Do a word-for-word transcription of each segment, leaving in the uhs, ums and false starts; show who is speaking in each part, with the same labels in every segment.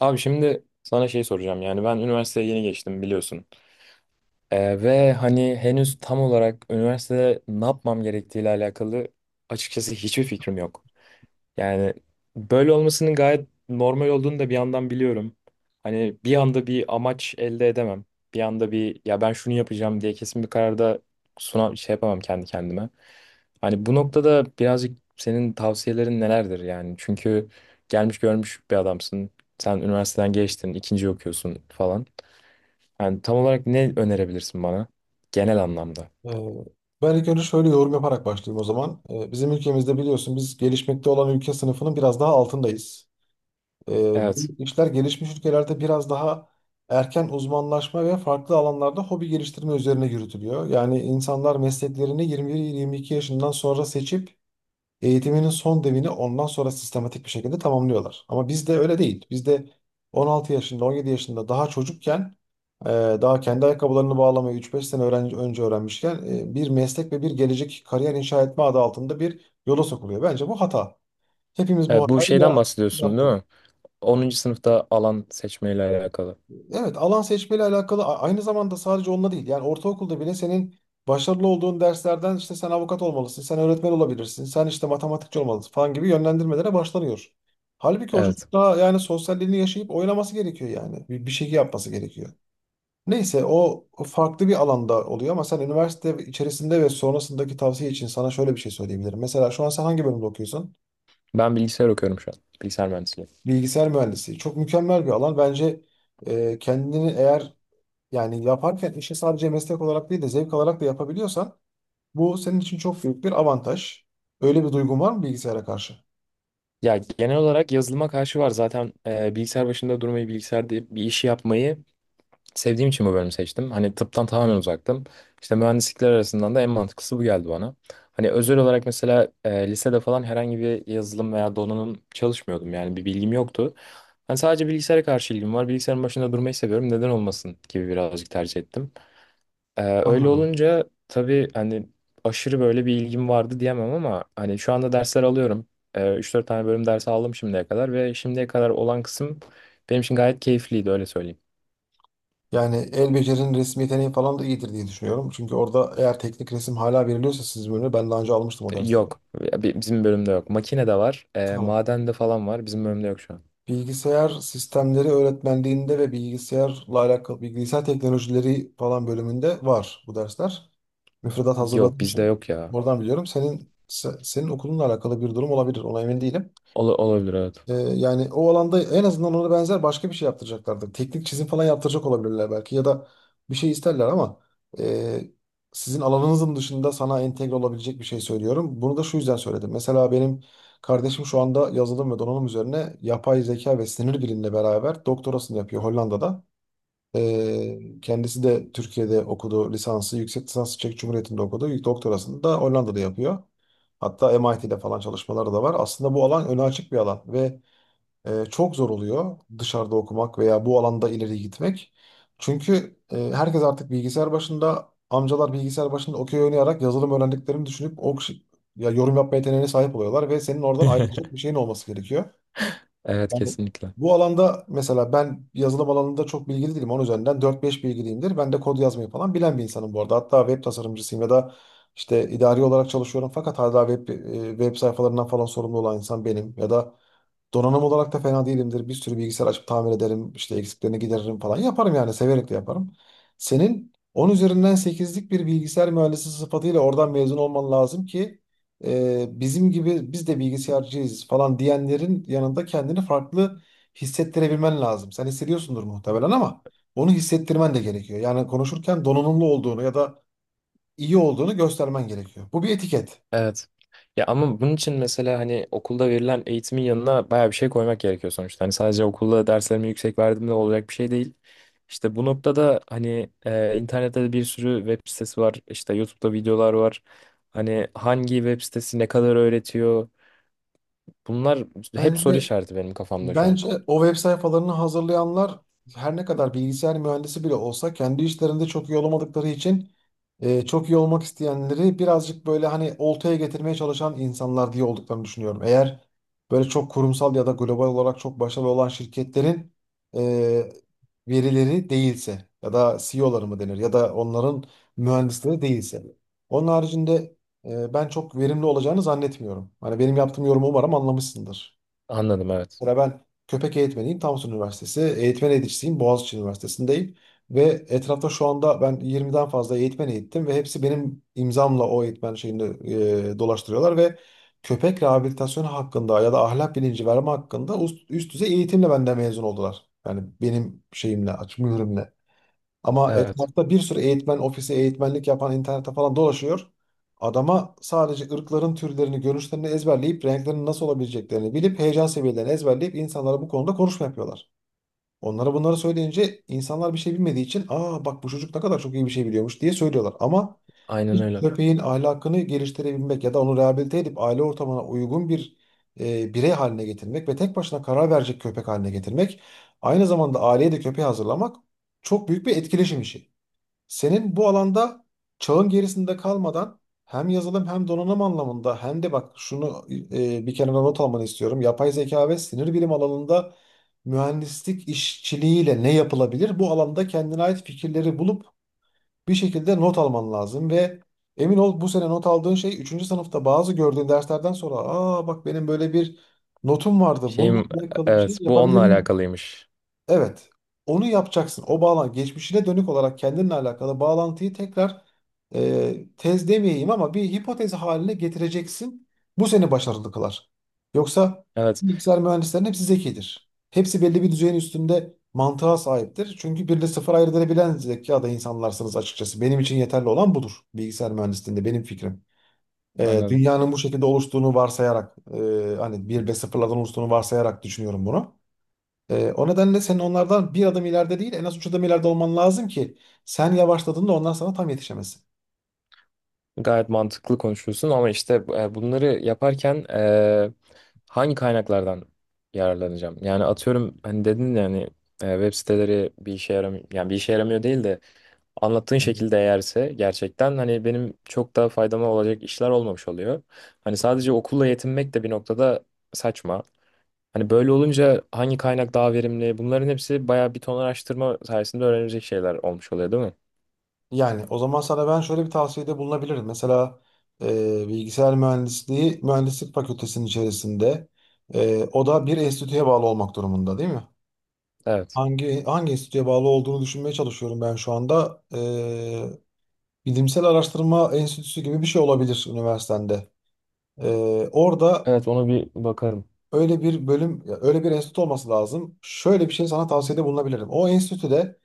Speaker 1: Abi şimdi sana şey soracağım, yani ben üniversiteye yeni geçtim, biliyorsun. Ee, ve hani henüz tam olarak üniversitede ne yapmam gerektiğiyle alakalı açıkçası hiçbir fikrim yok. Yani böyle olmasının gayet normal olduğunu da bir yandan biliyorum. Hani bir anda bir amaç elde edemem. Bir anda bir, ya ben şunu yapacağım diye kesin bir kararda suna şey yapamam kendi kendime. Hani bu noktada birazcık senin tavsiyelerin nelerdir yani? Çünkü gelmiş görmüş bir adamsın. Sen üniversiteden geçtin, ikinci okuyorsun falan. Yani tam olarak ne önerebilirsin bana genel anlamda?
Speaker 2: Ee, Ben ilk önce şöyle yorum yaparak başlayayım o zaman. Ee, Bizim ülkemizde biliyorsun biz gelişmekte olan ülke sınıfının biraz daha altındayız. Ee, Bu
Speaker 1: Evet.
Speaker 2: işler gelişmiş ülkelerde biraz daha erken uzmanlaşma ve farklı alanlarda hobi geliştirme üzerine yürütülüyor. Yani insanlar mesleklerini yirmi bir yirmi iki yaşından sonra seçip eğitiminin son devini ondan sonra sistematik bir şekilde tamamlıyorlar. Ama bizde öyle değil. Bizde on altı yaşında, on yedi yaşında daha çocukken ee, daha kendi ayakkabılarını bağlamayı üç beş sene öğren- önce öğrenmişken e, bir meslek ve bir gelecek kariyer inşa etme adı altında bir yola sokuluyor. Bence bu hata. Hepimiz bu
Speaker 1: E, bu
Speaker 2: hatayı
Speaker 1: şeyden
Speaker 2: ya-
Speaker 1: bahsediyorsun değil
Speaker 2: yaptık.
Speaker 1: mi? Onuncu sınıfta alan seçmeyle alakalı.
Speaker 2: Evet, alan seçmeyle alakalı a- aynı zamanda sadece onunla değil. Yani ortaokulda bile senin başarılı olduğun derslerden işte sen avukat olmalısın, sen öğretmen olabilirsin, sen işte matematikçi olmalısın falan gibi yönlendirmelere başlanıyor. Halbuki o
Speaker 1: Evet.
Speaker 2: çocuk daha yani sosyalliğini yaşayıp oynaması gerekiyor yani. Bir, bir şey yapması gerekiyor. Neyse o o farklı bir alanda oluyor ama sen üniversite içerisinde ve sonrasındaki tavsiye için sana şöyle bir şey söyleyebilirim. Mesela şu an sen hangi bölümde okuyorsun?
Speaker 1: Ben bilgisayar okuyorum şu an. Bilgisayar mühendisliği.
Speaker 2: Bilgisayar mühendisliği çok mükemmel bir alan. Bence e, kendini eğer yani yaparken işi sadece meslek olarak değil de zevk alarak da yapabiliyorsan bu senin için çok büyük bir avantaj. Öyle bir duygun var mı bilgisayara karşı?
Speaker 1: Ya genel olarak yazılıma karşı var. Zaten e, bilgisayar başında durmayı, bilgisayarda bir işi yapmayı sevdiğim için bu bölümü seçtim. Hani tıptan tamamen uzaktım. İşte mühendislikler arasından da en mantıklısı bu geldi bana. Hani özel olarak mesela e, lisede falan herhangi bir yazılım veya donanım çalışmıyordum. Yani bir bilgim yoktu. Hani sadece bilgisayara karşı ilgim var. Bilgisayarın başında durmayı seviyorum. Neden olmasın gibi birazcık tercih ettim. Ee, öyle
Speaker 2: Anladım.
Speaker 1: olunca tabii hani aşırı böyle bir ilgim vardı diyemem ama hani şu anda dersler alıyorum. Ee, üç dört tane bölüm dersi aldım şimdiye kadar ve şimdiye kadar olan kısım benim için gayet keyifliydi, öyle söyleyeyim.
Speaker 2: Yani el becerinin resim yeteneği falan da iyidir diye düşünüyorum. Çünkü orada eğer teknik resim hala veriliyorsa siz bölümü ben daha önce almıştım o dersleri.
Speaker 1: Yok ya, bi- bizim bölümde yok. Makine de var, e,
Speaker 2: Tamam.
Speaker 1: maden de falan var, bizim bölümde yok şu an.
Speaker 2: Bilgisayar sistemleri öğretmenliğinde ve bilgisayarla alakalı bilgisayar teknolojileri falan bölümünde var bu dersler. Müfredat
Speaker 1: Yok,
Speaker 2: hazırladığım
Speaker 1: bizde
Speaker 2: için.
Speaker 1: yok ya.
Speaker 2: Oradan biliyorum. Senin se- senin okulunla alakalı bir durum olabilir. Ona emin değilim.
Speaker 1: Ola- olabilir, evet.
Speaker 2: Ee, yani o alanda en azından ona benzer başka bir şey yaptıracaklardır. Teknik çizim falan yaptıracak olabilirler belki ya da bir şey isterler ama e, sizin alanınızın dışında sana entegre olabilecek bir şey söylüyorum. Bunu da şu yüzden söyledim. Mesela benim kardeşim şu anda yazılım ve donanım üzerine yapay zeka ve sinir bilimle beraber doktorasını yapıyor Hollanda'da. Ee, kendisi de Türkiye'de okudu lisansı, yüksek lisansı Çek Cumhuriyeti'nde okudu. Doktorasını da Hollanda'da yapıyor. Hatta M I T'de falan çalışmaları da var. Aslında bu alan öne açık bir alan ve e, çok zor oluyor dışarıda okumak veya bu alanda ileri gitmek. Çünkü e, herkes artık bilgisayar başında, amcalar bilgisayar başında okey oynayarak yazılım öğrendiklerini düşünüp o kişi- ya yorum yapma yeteneğine sahip oluyorlar ve senin oradan ayrılacak bir şeyin olması gerekiyor.
Speaker 1: Evet,
Speaker 2: Yani
Speaker 1: kesinlikle.
Speaker 2: bu alanda mesela ben yazılım alanında çok bilgili değilim. Onun üzerinden dört beş bilgiliyimdir. Ben de kod yazmayı falan bilen bir insanım bu arada. Hatta web tasarımcısıyım ya da işte idari olarak çalışıyorum fakat hala web, e, web sayfalarından falan sorumlu olan insan benim ya da donanım olarak da fena değilimdir. Bir sürü bilgisayar açıp tamir ederim. İşte eksiklerini gideririm falan. Yaparım yani. Severek de yaparım. Senin on üzerinden sekizlik bir bilgisayar mühendisi sıfatıyla oradan mezun olman lazım ki e, bizim gibi biz de bilgisayarcıyız falan diyenlerin yanında kendini farklı hissettirebilmen lazım. Sen hissediyorsundur muhtemelen ama onu hissettirmen de gerekiyor. Yani konuşurken donanımlı olduğunu ya da iyi olduğunu göstermen gerekiyor. Bu bir etiket.
Speaker 1: Evet. Ya ama bunun için mesela hani okulda verilen eğitimin yanına bayağı bir şey koymak gerekiyor sonuçta. Hani sadece okulda derslerimi yüksek verdiğimde olacak bir şey değil. İşte bu noktada hani e, internette de bir sürü web sitesi var. İşte YouTube'da videolar var. Hani hangi web sitesi ne kadar öğretiyor? Bunlar hep soru
Speaker 2: Bence
Speaker 1: işareti benim kafamda şu an.
Speaker 2: Bence o web sayfalarını hazırlayanlar her ne kadar bilgisayar mühendisi bile olsa kendi işlerinde çok iyi olamadıkları için e, çok iyi olmak isteyenleri birazcık böyle hani oltaya getirmeye çalışan insanlar diye olduklarını düşünüyorum. Eğer böyle çok kurumsal ya da global olarak çok başarılı olan şirketlerin e, verileri değilse ya da C E O'ları mı denir ya da onların mühendisleri değilse. Onun haricinde e, ben çok verimli olacağını zannetmiyorum. Hani benim yaptığım yorumu umarım anlamışsındır.
Speaker 1: Anladım, evet.
Speaker 2: Mesela ben köpek eğitmeniyim Samsun Üniversitesi. Eğitmen eğiticisiyim Boğaziçi Üniversitesi'ndeyim. Ve etrafta şu anda ben yirmiden fazla eğitmen eğittim ve hepsi benim imzamla o eğitmen şeyini e, dolaştırıyorlar ve köpek rehabilitasyonu hakkında ya da ahlak bilinci verme hakkında üst, üst düzey eğitimle benden mezun oldular. Yani benim şeyimle, aç mührümle. Ama
Speaker 1: Evet.
Speaker 2: etrafta bir sürü eğitmen ofisi, eğitmenlik yapan internette falan dolaşıyor. Adama sadece ırkların türlerini, görünüşlerini ezberleyip renklerin nasıl olabileceklerini bilip heyecan seviyelerini ezberleyip insanlara bu konuda konuşma yapıyorlar. Onlara bunları söyleyince insanlar bir şey bilmediği için aa bak bu çocuk ne kadar çok iyi bir şey biliyormuş diye söylüyorlar. Ama
Speaker 1: Aynen
Speaker 2: bir
Speaker 1: öyle.
Speaker 2: köpeğin ahlakını geliştirebilmek ya da onu rehabilite edip aile ortamına uygun bir e, birey haline getirmek ve tek başına karar verecek köpek haline getirmek aynı zamanda aileye de köpeği hazırlamak çok büyük bir etkileşim işi. Senin bu alanda çağın gerisinde kalmadan hem yazılım hem donanım anlamında hem de bak şunu e, bir kenara not almanı istiyorum. Yapay zeka ve sinir bilim alanında mühendislik işçiliğiyle ne yapılabilir? Bu alanda kendine ait fikirleri bulup bir şekilde not alman lazım ve emin ol bu sene not aldığın şey üçüncü sınıfta bazı gördüğün derslerden sonra aa bak benim böyle bir notum vardı. Bununla
Speaker 1: Şeyim,
Speaker 2: alakalı bir şey
Speaker 1: evet, bu onunla
Speaker 2: yapabilirim.
Speaker 1: alakalıymış.
Speaker 2: Evet. Onu yapacaksın. O bağlan geçmişine dönük olarak kendinle alakalı bağlantıyı tekrar e, tez demeyeyim ama bir hipotez haline getireceksin. Bu seni başarılı kılar. Yoksa
Speaker 1: Evet,
Speaker 2: bilgisayar mühendislerinin hepsi zekidir. Hepsi belli bir düzeyin üstünde mantığa sahiptir. Çünkü birle sıfır ayırt edebilen zekada insanlarsınız açıkçası. Benim için yeterli olan budur bilgisayar mühendisliğinde benim fikrim. E,
Speaker 1: anladım.
Speaker 2: dünyanın bu şekilde oluştuğunu varsayarak e, hani bir ve sıfırlardan oluştuğunu varsayarak düşünüyorum bunu. Ee, o nedenle senin onlardan bir adım ileride değil en az üç adım ileride olman lazım ki sen yavaşladığında onlar sana tam yetişemesin.
Speaker 1: Gayet mantıklı konuşuyorsun, ama işte e, bunları yaparken e, hangi kaynaklardan yararlanacağım? Yani atıyorum, hani dedin yani e, web siteleri bir işe yaramıyor, yani bir işe yaramıyor değil de anlattığın
Speaker 2: Evet.
Speaker 1: şekilde eğerse gerçekten hani benim çok daha faydama olacak işler olmamış oluyor. Hani sadece okulla yetinmek de bir noktada saçma. Hani böyle olunca hangi kaynak daha verimli? Bunların hepsi bayağı bir ton araştırma sayesinde öğrenilecek şeyler olmuş oluyor, değil mi?
Speaker 2: Yani o zaman sana ben şöyle bir tavsiyede bulunabilirim. Mesela e, bilgisayar mühendisliği mühendislik fakültesinin içerisinde e, o da bir enstitüye bağlı olmak durumunda değil mi?
Speaker 1: Evet.
Speaker 2: Hangi hangi enstitüye bağlı olduğunu düşünmeye çalışıyorum ben şu anda. E, Bilimsel Araştırma Enstitüsü gibi bir şey olabilir üniversitende. E, Orada
Speaker 1: Evet, ona bir bakarım.
Speaker 2: öyle bir bölüm, ya öyle bir enstitü olması lazım. Şöyle bir şey sana tavsiyede bulunabilirim. O enstitüde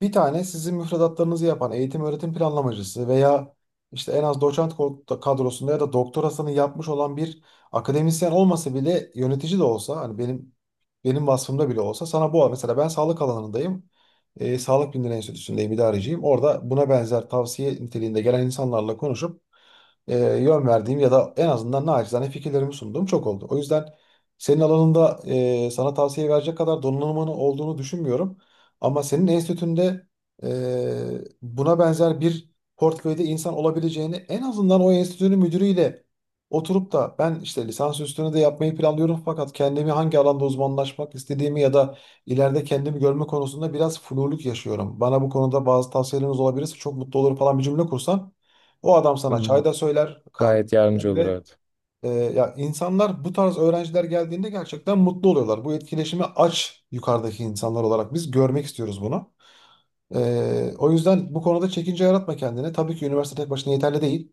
Speaker 2: bir tane sizin müfredatlarınızı yapan eğitim öğretim planlamacısı veya işte en az doçent ko- kadrosunda ya da doktorasını yapmış olan bir akademisyen olmasa bile yönetici de olsa hani benim benim vasfımda bile olsa sana bu mesela ben sağlık alanındayım. E, Sağlık Bilimleri Enstitüsü'ndeyim, idareciyim. Orada buna benzer tavsiye niteliğinde gelen insanlarla konuşup e, yön verdiğim ya da en azından naçizane fikirlerimi sunduğum çok oldu. O yüzden senin alanında e, sana tavsiye verecek kadar donanımın olduğunu düşünmüyorum. Ama senin enstitünde e, buna benzer bir portföyde insan olabileceğini en azından o enstitünün müdürüyle oturup da ben işte lisans üstünü de yapmayı planlıyorum fakat kendimi hangi alanda uzmanlaşmak istediğimi ya da ileride kendimi görme konusunda biraz fluluk yaşıyorum. Bana bu konuda bazı tavsiyeleriniz olabilirse çok mutlu olurum falan bir cümle kursan o adam sana
Speaker 1: Hmm.
Speaker 2: çay da söyler, kahve de
Speaker 1: Gayet yardımcı
Speaker 2: söyler
Speaker 1: olur,
Speaker 2: ve
Speaker 1: evet.
Speaker 2: e, ya insanlar bu tarz öğrenciler geldiğinde gerçekten mutlu oluyorlar. Bu etkileşimi aç yukarıdaki insanlar olarak biz görmek istiyoruz bunu. E, o yüzden bu konuda çekince yaratma kendine. Tabii ki üniversite tek başına yeterli değil.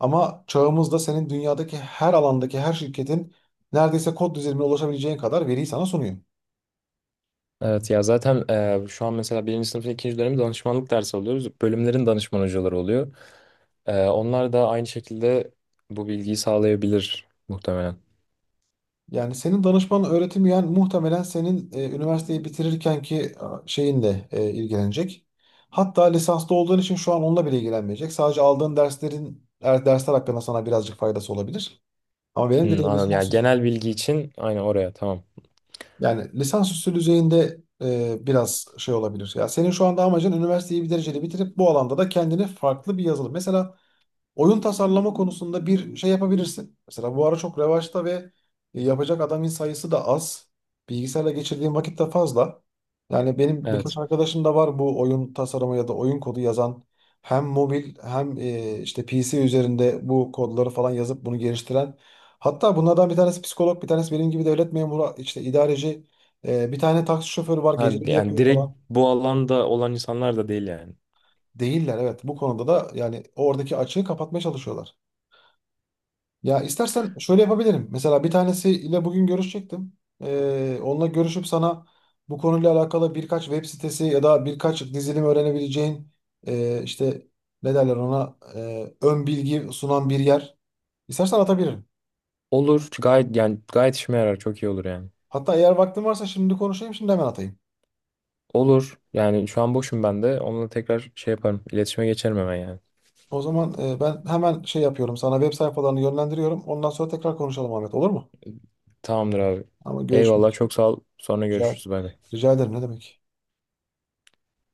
Speaker 2: Ama çağımızda senin dünyadaki her alandaki her şirketin neredeyse kod düzeyine ulaşabileceğin kadar veriyi sana sunuyor.
Speaker 1: Evet ya, zaten e, şu an mesela birinci sınıfın ikinci dönemi danışmanlık dersi alıyoruz. Bölümlerin danışman hocaları oluyor. E, onlar da aynı şekilde bu bilgiyi sağlayabilir muhtemelen.
Speaker 2: Yani senin danışman öğretim yani muhtemelen senin e, üniversiteyi bitirirken ki şeyinle e, ilgilenecek. Hatta lisanslı olduğun için şu an onunla bile ilgilenmeyecek. Sadece aldığın derslerin er- dersler hakkında sana birazcık faydası olabilir. Ama benim
Speaker 1: Hmm,
Speaker 2: dediğim
Speaker 1: anladım. Yani
Speaker 2: lisans
Speaker 1: genel bilgi için aynı oraya, tamam.
Speaker 2: yani lisansüstü düzeyinde e, biraz şey olabilir. Ya senin şu anda amacın üniversiteyi bir dereceli bitirip bu alanda da kendini farklı bir yazılım. Mesela oyun tasarlama konusunda bir şey yapabilirsin. Mesela bu ara çok revaçta ve e, yapacak adamın sayısı da az. Bilgisayarla geçirdiğim vakit de fazla. Yani benim birkaç
Speaker 1: Evet.
Speaker 2: arkadaşım da var bu oyun tasarımı ya da oyun kodu yazan. Hem mobil hem e, işte P C üzerinde bu kodları falan yazıp bunu geliştiren. Hatta bunlardan bir tanesi psikolog, bir tanesi benim gibi devlet memuru, işte idareci. E, bir tane taksi şoförü var,
Speaker 1: Ha,
Speaker 2: geceleri
Speaker 1: yani
Speaker 2: yapıyor
Speaker 1: direkt
Speaker 2: falan.
Speaker 1: bu alanda olan insanlar da değil yani.
Speaker 2: Değiller evet bu konuda da yani oradaki açığı kapatmaya çalışıyorlar. Ya istersen şöyle yapabilirim. Mesela bir tanesiyle bugün görüşecektim. Ee, onunla görüşüp sana bu konuyla alakalı birkaç web sitesi ya da birkaç dizilim öğrenebileceğin e, işte ne derler ona e, ön bilgi sunan bir yer. İstersen atabilirim.
Speaker 1: Olur, gayet yani, gayet işime yarar, çok iyi olur yani.
Speaker 2: Hatta eğer vaktin varsa şimdi konuşayım şimdi hemen atayım.
Speaker 1: Olur yani, şu an boşum, ben de onunla tekrar şey yaparım, İletişime geçerim hemen yani.
Speaker 2: O zaman e, ben hemen şey yapıyorum sana web sayfalarını yönlendiriyorum. Ondan sonra tekrar konuşalım Ahmet, olur mu?
Speaker 1: Tamamdır abi.
Speaker 2: Ama görüşmek
Speaker 1: Eyvallah,
Speaker 2: üzere.
Speaker 1: çok sağ ol. Sonra
Speaker 2: Rica,
Speaker 1: görüşürüz, bay bay.
Speaker 2: rica ederim ne demek.